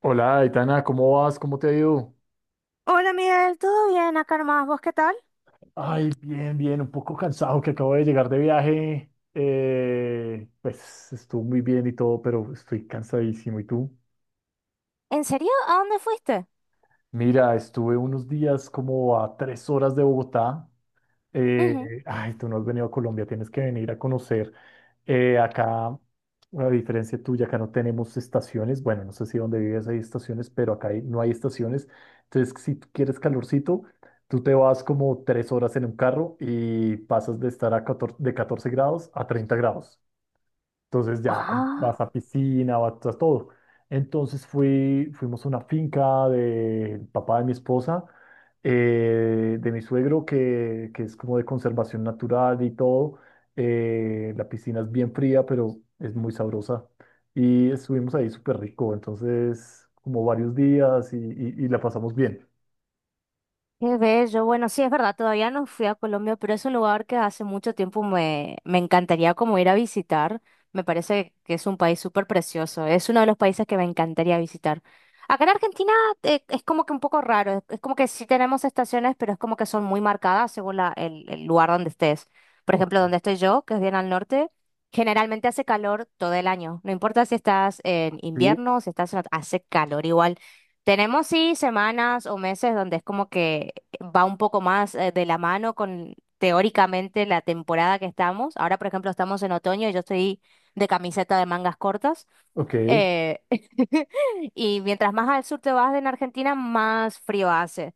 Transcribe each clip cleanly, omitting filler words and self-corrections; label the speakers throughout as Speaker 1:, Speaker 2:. Speaker 1: Hola, Aitana, ¿cómo vas? ¿Cómo te ha ido?
Speaker 2: Hola Miguel, ¿todo bien acá nomás? ¿Vos qué tal?
Speaker 1: Ay, bien, bien, un poco cansado que acabo de llegar de viaje. Pues estuvo muy bien y todo, pero estoy cansadísimo. ¿Y tú?
Speaker 2: ¿En serio? ¿A dónde fuiste?
Speaker 1: Mira, estuve unos días como a tres horas de Bogotá.
Speaker 2: Ujú.
Speaker 1: Tú no has venido a Colombia, tienes que venir a conocer. Acá, a diferencia tuya, acá no tenemos estaciones. Bueno, no sé si donde vives hay estaciones, pero no hay estaciones. Entonces, si tú quieres calorcito, tú te vas como tres horas en un carro y pasas de estar a 14, de 14 grados a 30 grados. Entonces ya vas
Speaker 2: Ah.
Speaker 1: a piscina, vas a todo. Entonces fuimos a una finca del papá de mi esposa, de mi suegro, que es como de conservación natural y todo. La piscina es bien fría, pero es muy sabrosa. Y estuvimos ahí súper rico, entonces como varios días y la pasamos bien.
Speaker 2: Qué bello. Bueno, sí, es verdad, todavía no fui a Colombia, pero es un lugar que hace mucho tiempo me encantaría como ir a visitar. Me parece que es un país súper precioso. Es uno de los países que me encantaría visitar. Acá en Argentina es como que un poco raro. Es como que sí tenemos estaciones, pero es como que son muy marcadas según el lugar donde estés. Por
Speaker 1: Ok.
Speaker 2: ejemplo, donde estoy yo, que es bien al norte, generalmente hace calor todo el año. No importa si estás en
Speaker 1: Sí,
Speaker 2: invierno, si estás en hace calor igual. Tenemos sí semanas o meses donde es como que va un poco más de la mano con teóricamente la temporada que estamos. Ahora, por ejemplo, estamos en otoño y yo estoy de camiseta de mangas cortas.
Speaker 1: ok.
Speaker 2: Eh, y mientras más al sur te vas en Argentina, más frío hace.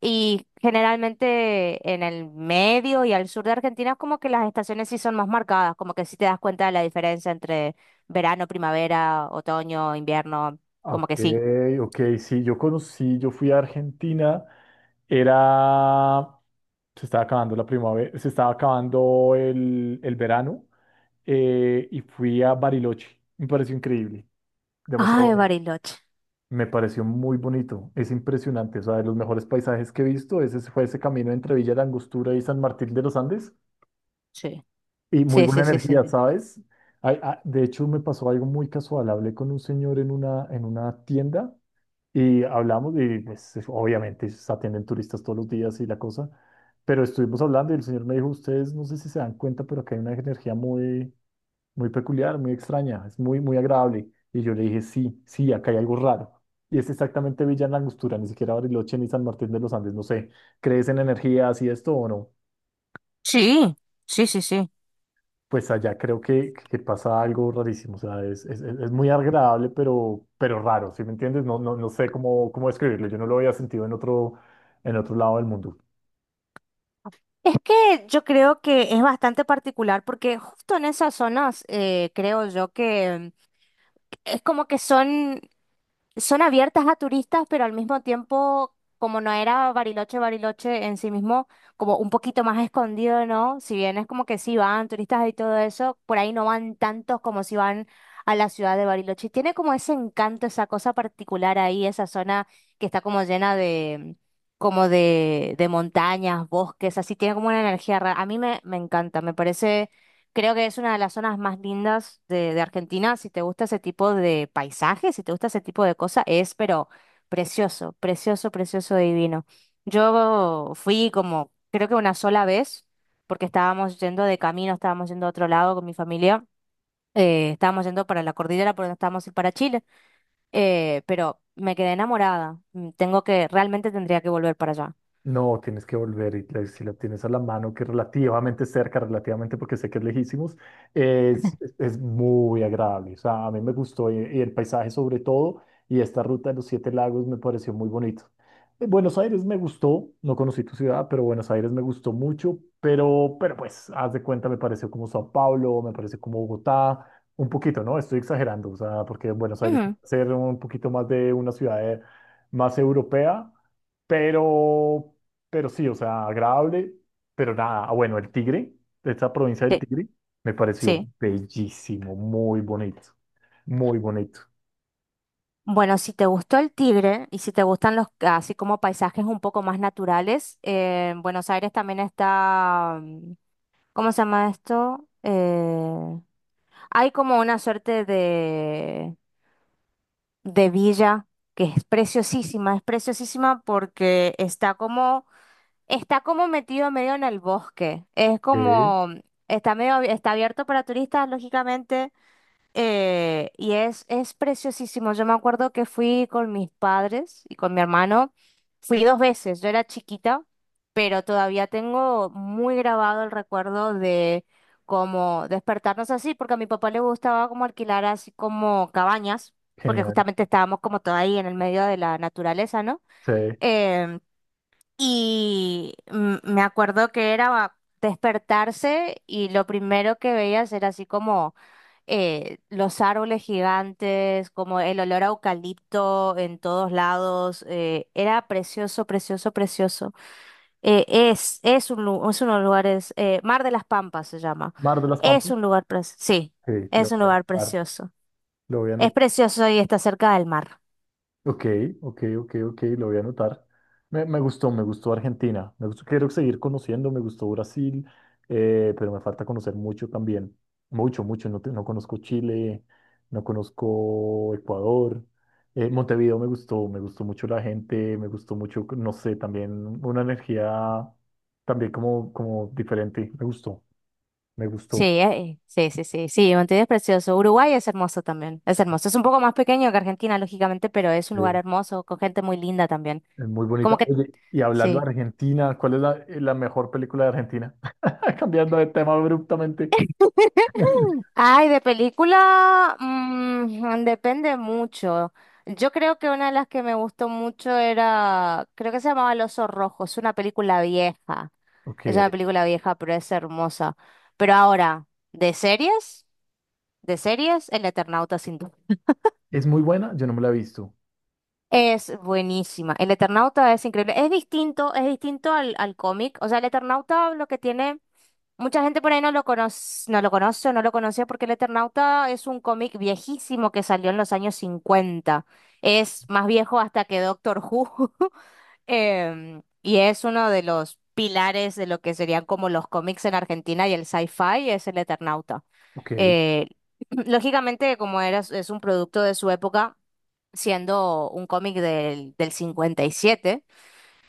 Speaker 2: Y generalmente en el medio y al sur de Argentina es como que las estaciones sí son más marcadas, como que sí te das cuenta de la diferencia entre verano, primavera, otoño, invierno, como
Speaker 1: Ok,
Speaker 2: que sí.
Speaker 1: ok, sí, yo fui a Argentina, era, se estaba acabando la primavera, se estaba acabando el verano, y fui a Bariloche, me pareció increíble,
Speaker 2: Ah,
Speaker 1: demasiado
Speaker 2: de
Speaker 1: bonito,
Speaker 2: Bariloche.
Speaker 1: me pareció muy bonito, es impresionante, o sea, de los mejores paisajes que he visto, ese fue ese camino entre Villa La Angostura y San Martín de los Andes
Speaker 2: Sí,
Speaker 1: y muy
Speaker 2: sí,
Speaker 1: buena
Speaker 2: sí, sí, sí.
Speaker 1: energía, ¿sabes? Ay, ah, de hecho, me pasó algo muy casual, hablé con un señor en una tienda. Y hablamos y pues obviamente se atienden turistas todos los días y la cosa, pero estuvimos hablando y el señor me dijo, ustedes no sé si se dan cuenta, pero acá hay una energía muy peculiar, muy extraña, es muy agradable. Y yo le dije, sí, sí, acá hay algo raro. Y es exactamente Villa en la Angostura, ni siquiera Bariloche ni San Martín de los Andes, no sé, ¿crees en energías y esto o no?
Speaker 2: Sí, sí, sí, sí.
Speaker 1: Pues allá creo que pasa algo rarísimo, o sea, es muy agradable, pero raro, ¿sí me entiendes? No sé cómo describirlo, yo no lo había sentido en otro lado del mundo.
Speaker 2: Es que yo creo que es bastante particular porque justo en esas zonas creo yo que es como que son abiertas a turistas, pero al mismo tiempo, como no era Bariloche, Bariloche en sí mismo, como un poquito más escondido, ¿no? Si bien es como que sí van turistas y todo eso, por ahí no van tantos como si van a la ciudad de Bariloche. Y tiene como ese encanto, esa cosa particular ahí, esa zona que está como llena de, como de montañas, bosques, así tiene como una energía rara. A mí me encanta, me parece. Creo que es una de las zonas más lindas de Argentina. Si te gusta ese tipo de paisaje, si te gusta ese tipo de cosas, es pero precioso, precioso, precioso, divino. Yo fui como, creo que una sola vez, porque estábamos yendo de camino, estábamos yendo a otro lado con mi familia, estábamos yendo para la cordillera, porque estábamos ir para Chile, pero me quedé enamorada. Tengo que, realmente tendría que volver para allá.
Speaker 1: No, tienes que volver y si la tienes a la mano, que relativamente cerca, relativamente porque sé que es lejísimos, es muy agradable. O sea, a mí me gustó y el paisaje sobre todo y esta ruta de los Siete Lagos me pareció muy bonito. Buenos Aires me gustó, no conocí tu ciudad, pero Buenos Aires me gustó mucho, pero pues, haz de cuenta, me pareció como Sao Paulo, me pareció como Bogotá, un poquito, ¿no? Estoy exagerando, o sea, porque Buenos Aires va
Speaker 2: Ujú,
Speaker 1: a ser un poquito más de una ciudad, más europea. Pero, pero sí, o sea, agradable, pero nada. Ah, bueno, el Tigre, esta provincia del
Speaker 2: sí,
Speaker 1: Tigre, me pareció
Speaker 2: sí.
Speaker 1: bellísimo, muy bonito, muy bonito.
Speaker 2: Bueno, si te gustó el Tigre y si te gustan los así como paisajes un poco más naturales, en Buenos Aires también está, ¿cómo se llama esto? Hay como una suerte de villa que es preciosísima porque está como metido medio en el bosque. Es
Speaker 1: Sí,
Speaker 2: como, está medio, está abierto para turistas, lógicamente y es preciosísimo. Yo me acuerdo que fui con mis padres y con mi hermano. Fui dos veces. Yo era chiquita, pero todavía tengo muy grabado el recuerdo de cómo despertarnos así, porque a mi papá le gustaba como alquilar así como cabañas, porque
Speaker 1: genial.
Speaker 2: justamente estábamos como todo ahí en el medio de la naturaleza, ¿no?
Speaker 1: Sí.
Speaker 2: Em, y me acuerdo que era despertarse y lo primero que veías era así como los árboles gigantes, como el olor a eucalipto en todos lados. Era precioso, precioso, precioso. Es uno de los lugares, Mar de las Pampas se llama.
Speaker 1: Mar de las
Speaker 2: Es
Speaker 1: Pampas.
Speaker 2: un lugar, sí,
Speaker 1: Sí,
Speaker 2: es un lugar
Speaker 1: anotar,
Speaker 2: precioso.
Speaker 1: lo voy a
Speaker 2: Es
Speaker 1: anotar.
Speaker 2: precioso y está cerca del mar.
Speaker 1: Ok, ok, ok, ok, lo voy a anotar. Me gustó Argentina. Me gustó, quiero seguir conociendo, me gustó Brasil, pero me falta conocer mucho también. Mucho, mucho. No, no conozco Chile, no conozco Ecuador. Montevideo me gustó mucho la gente, me gustó mucho, no sé, también una energía también como, como diferente. Me gustó, me
Speaker 2: Sí,
Speaker 1: gustó.
Speaker 2: sí, sí, sí, sí, Montevideo es precioso. Uruguay es hermoso también, es hermoso. Es un poco más pequeño que Argentina, lógicamente, pero es un lugar
Speaker 1: Eh.
Speaker 2: hermoso, con gente muy linda también.
Speaker 1: Es muy
Speaker 2: Como
Speaker 1: bonita.
Speaker 2: que,
Speaker 1: Oye, y hablando de
Speaker 2: sí.
Speaker 1: Argentina, ¿cuál es la mejor película de Argentina? Cambiando de tema abruptamente.
Speaker 2: Ay, de película, depende mucho. Yo creo que una de las que me gustó mucho era, creo que se llamaba El Oso Rojo, es una película vieja. Es
Speaker 1: Ok.
Speaker 2: una película vieja, pero es hermosa. Pero ahora, ¿de series? ¿De series? El Eternauta, sin duda.
Speaker 1: ¿Es muy buena? Yo no me la he visto.
Speaker 2: Es buenísima. El Eternauta es increíble. Es distinto al cómic. O sea, el Eternauta lo que tiene, mucha gente por ahí no lo conoce, no lo conoce o no lo conocía porque el Eternauta es un cómic viejísimo que salió en los años cincuenta. Es más viejo hasta que Doctor Who. Y es uno de los pilares de lo que serían como los cómics en Argentina y el sci-fi es el Eternauta.
Speaker 1: Ok.
Speaker 2: Eh, lógicamente, como era, es un producto de su época siendo un cómic del 57.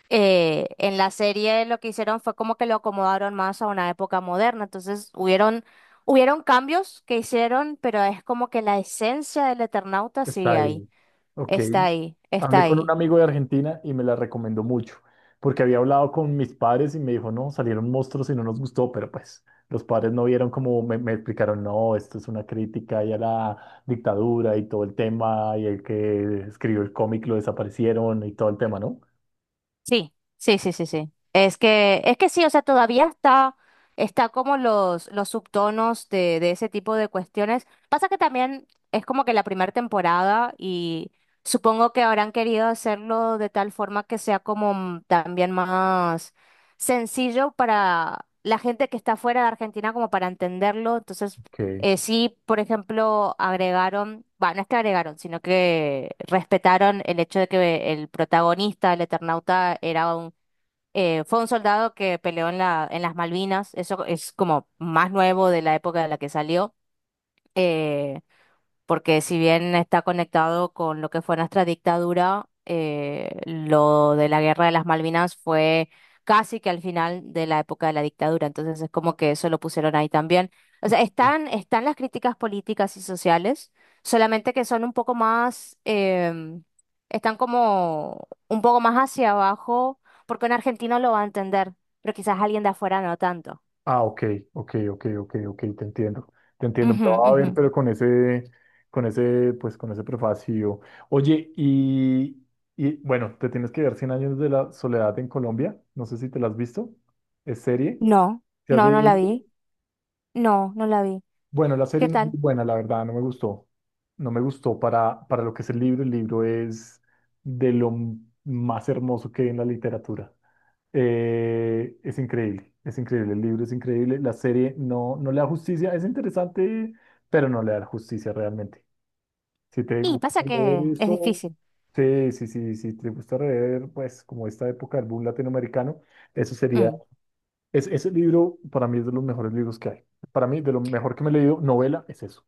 Speaker 2: En la serie lo que hicieron fue como que lo acomodaron más a una época moderna, entonces hubieron cambios que hicieron, pero es como que la esencia del Eternauta
Speaker 1: Está
Speaker 2: sigue ahí,
Speaker 1: ahí. Ok.
Speaker 2: está ahí, está
Speaker 1: Hablé con un
Speaker 2: ahí.
Speaker 1: amigo de Argentina y me la recomendó mucho, porque había hablado con mis padres y me dijo, no, salieron monstruos y no nos gustó, pero pues los padres no vieron como me explicaron, no, esto es una crítica y a la dictadura y todo el tema y el que escribió el cómic lo desaparecieron y todo el tema, ¿no?
Speaker 2: Sí, sí, sí, sí, sí. Es que sí, o sea, todavía está como los subtonos de ese tipo de cuestiones. Pasa que también es como que la primera temporada y supongo que habrán querido hacerlo de tal forma que sea como también más sencillo para la gente que está fuera de Argentina como para entenderlo. Entonces
Speaker 1: Ok.
Speaker 2: sí, por ejemplo, agregaron, bueno, no es que agregaron, sino que respetaron el hecho de que el protagonista, el Eternauta, fue un soldado que peleó en las Malvinas. Eso es como más nuevo de la época de la que salió. eh, Porque si bien está conectado con lo que fue nuestra dictadura, lo de la guerra de las Malvinas fue casi que al final de la época de la dictadura, entonces es como que eso lo pusieron ahí también. O sea, están, están las críticas políticas y sociales, solamente que son un poco más, están como un poco más hacia abajo, porque un argentino lo va a entender, pero quizás alguien de afuera no tanto.
Speaker 1: Ah, ok, ok, ok, ok, ok, te entiendo. Te entiendo. Me
Speaker 2: Ujú,
Speaker 1: lo va a
Speaker 2: ujú.
Speaker 1: ver, pero con ese, pues con ese prefacio. Oye, y bueno, te tienes que ver Cien Años de la Soledad en Colombia. No sé si te la has visto. ¿Es serie?
Speaker 2: No,
Speaker 1: ¿Te has
Speaker 2: no, no
Speaker 1: leído
Speaker 2: la
Speaker 1: el libro?
Speaker 2: vi. No, no la vi.
Speaker 1: Bueno, la serie
Speaker 2: ¿Qué
Speaker 1: no es muy
Speaker 2: tal?
Speaker 1: buena, la verdad, no me gustó. No me gustó para lo que es el libro. El libro es de lo m- más hermoso que hay en la literatura. Es increíble, es increíble, el libro es increíble, la serie no, no le da justicia, es interesante, pero no le da justicia realmente. Si te
Speaker 2: Y
Speaker 1: gusta
Speaker 2: pasa
Speaker 1: leer
Speaker 2: que es
Speaker 1: eso,
Speaker 2: difícil.
Speaker 1: sí, sí, sí, si te gusta leer, pues como esta época del boom latinoamericano, eso sería,
Speaker 2: Mm.
Speaker 1: es, ese libro para mí es de los mejores libros que hay. Para mí, de lo mejor que me he leído, novela, es eso.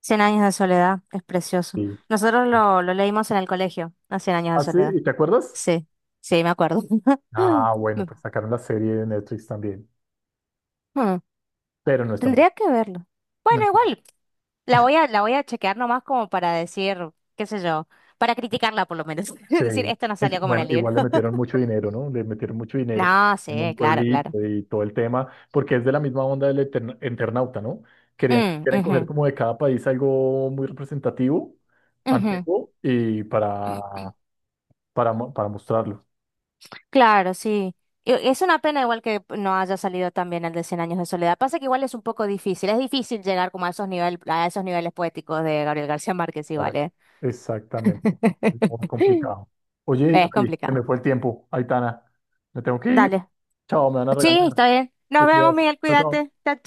Speaker 2: Cien años de soledad es precioso.
Speaker 1: Sí.
Speaker 2: Nosotros lo leímos en el colegio, a Cien años de
Speaker 1: Ah, sí,
Speaker 2: soledad.
Speaker 1: ¿y te acuerdas?
Speaker 2: Sí, sí, me acuerdo.
Speaker 1: Ah, bueno,
Speaker 2: Mm,
Speaker 1: pues sacaron la serie de Netflix también,
Speaker 2: mm.
Speaker 1: pero no es tan
Speaker 2: Tendría que verlo. Bueno,
Speaker 1: buena.
Speaker 2: igual, la voy a chequear nomás como para decir, qué sé yo, para criticarla por lo menos.
Speaker 1: Sí,
Speaker 2: Decir, esto no salió
Speaker 1: es,
Speaker 2: como en
Speaker 1: bueno,
Speaker 2: el libro.
Speaker 1: igual le metieron mucho dinero, ¿no? Le metieron mucho dinero
Speaker 2: No, sí,
Speaker 1: en un
Speaker 2: claro, claro.
Speaker 1: pueblito y todo el tema, porque es de la misma onda del Eternauta, ¿no?
Speaker 2: Mm,
Speaker 1: Quieren coger
Speaker 2: ujú,
Speaker 1: como de cada país algo muy representativo,
Speaker 2: ujú.
Speaker 1: antiguo, y para mostrarlo.
Speaker 2: Claro, sí. Es una pena igual que no haya salido también el de Cien Años de Soledad. Pasa que igual es un poco difícil, es difícil llegar como a esos niveles poéticos de Gabriel García Márquez
Speaker 1: Ah,
Speaker 2: igual, ¿eh?
Speaker 1: exactamente, es muy complicado. Oye,
Speaker 2: Es
Speaker 1: ay, se me
Speaker 2: complicado.
Speaker 1: fue el tiempo, Aitana, me tengo que ir.
Speaker 2: Dale.
Speaker 1: Chao, me van a
Speaker 2: Sí,
Speaker 1: regañar.
Speaker 2: está bien. Nos
Speaker 1: Te
Speaker 2: vemos,
Speaker 1: cuidas.
Speaker 2: Miguel,
Speaker 1: Chao, chao.
Speaker 2: cuídate. Chao, chao.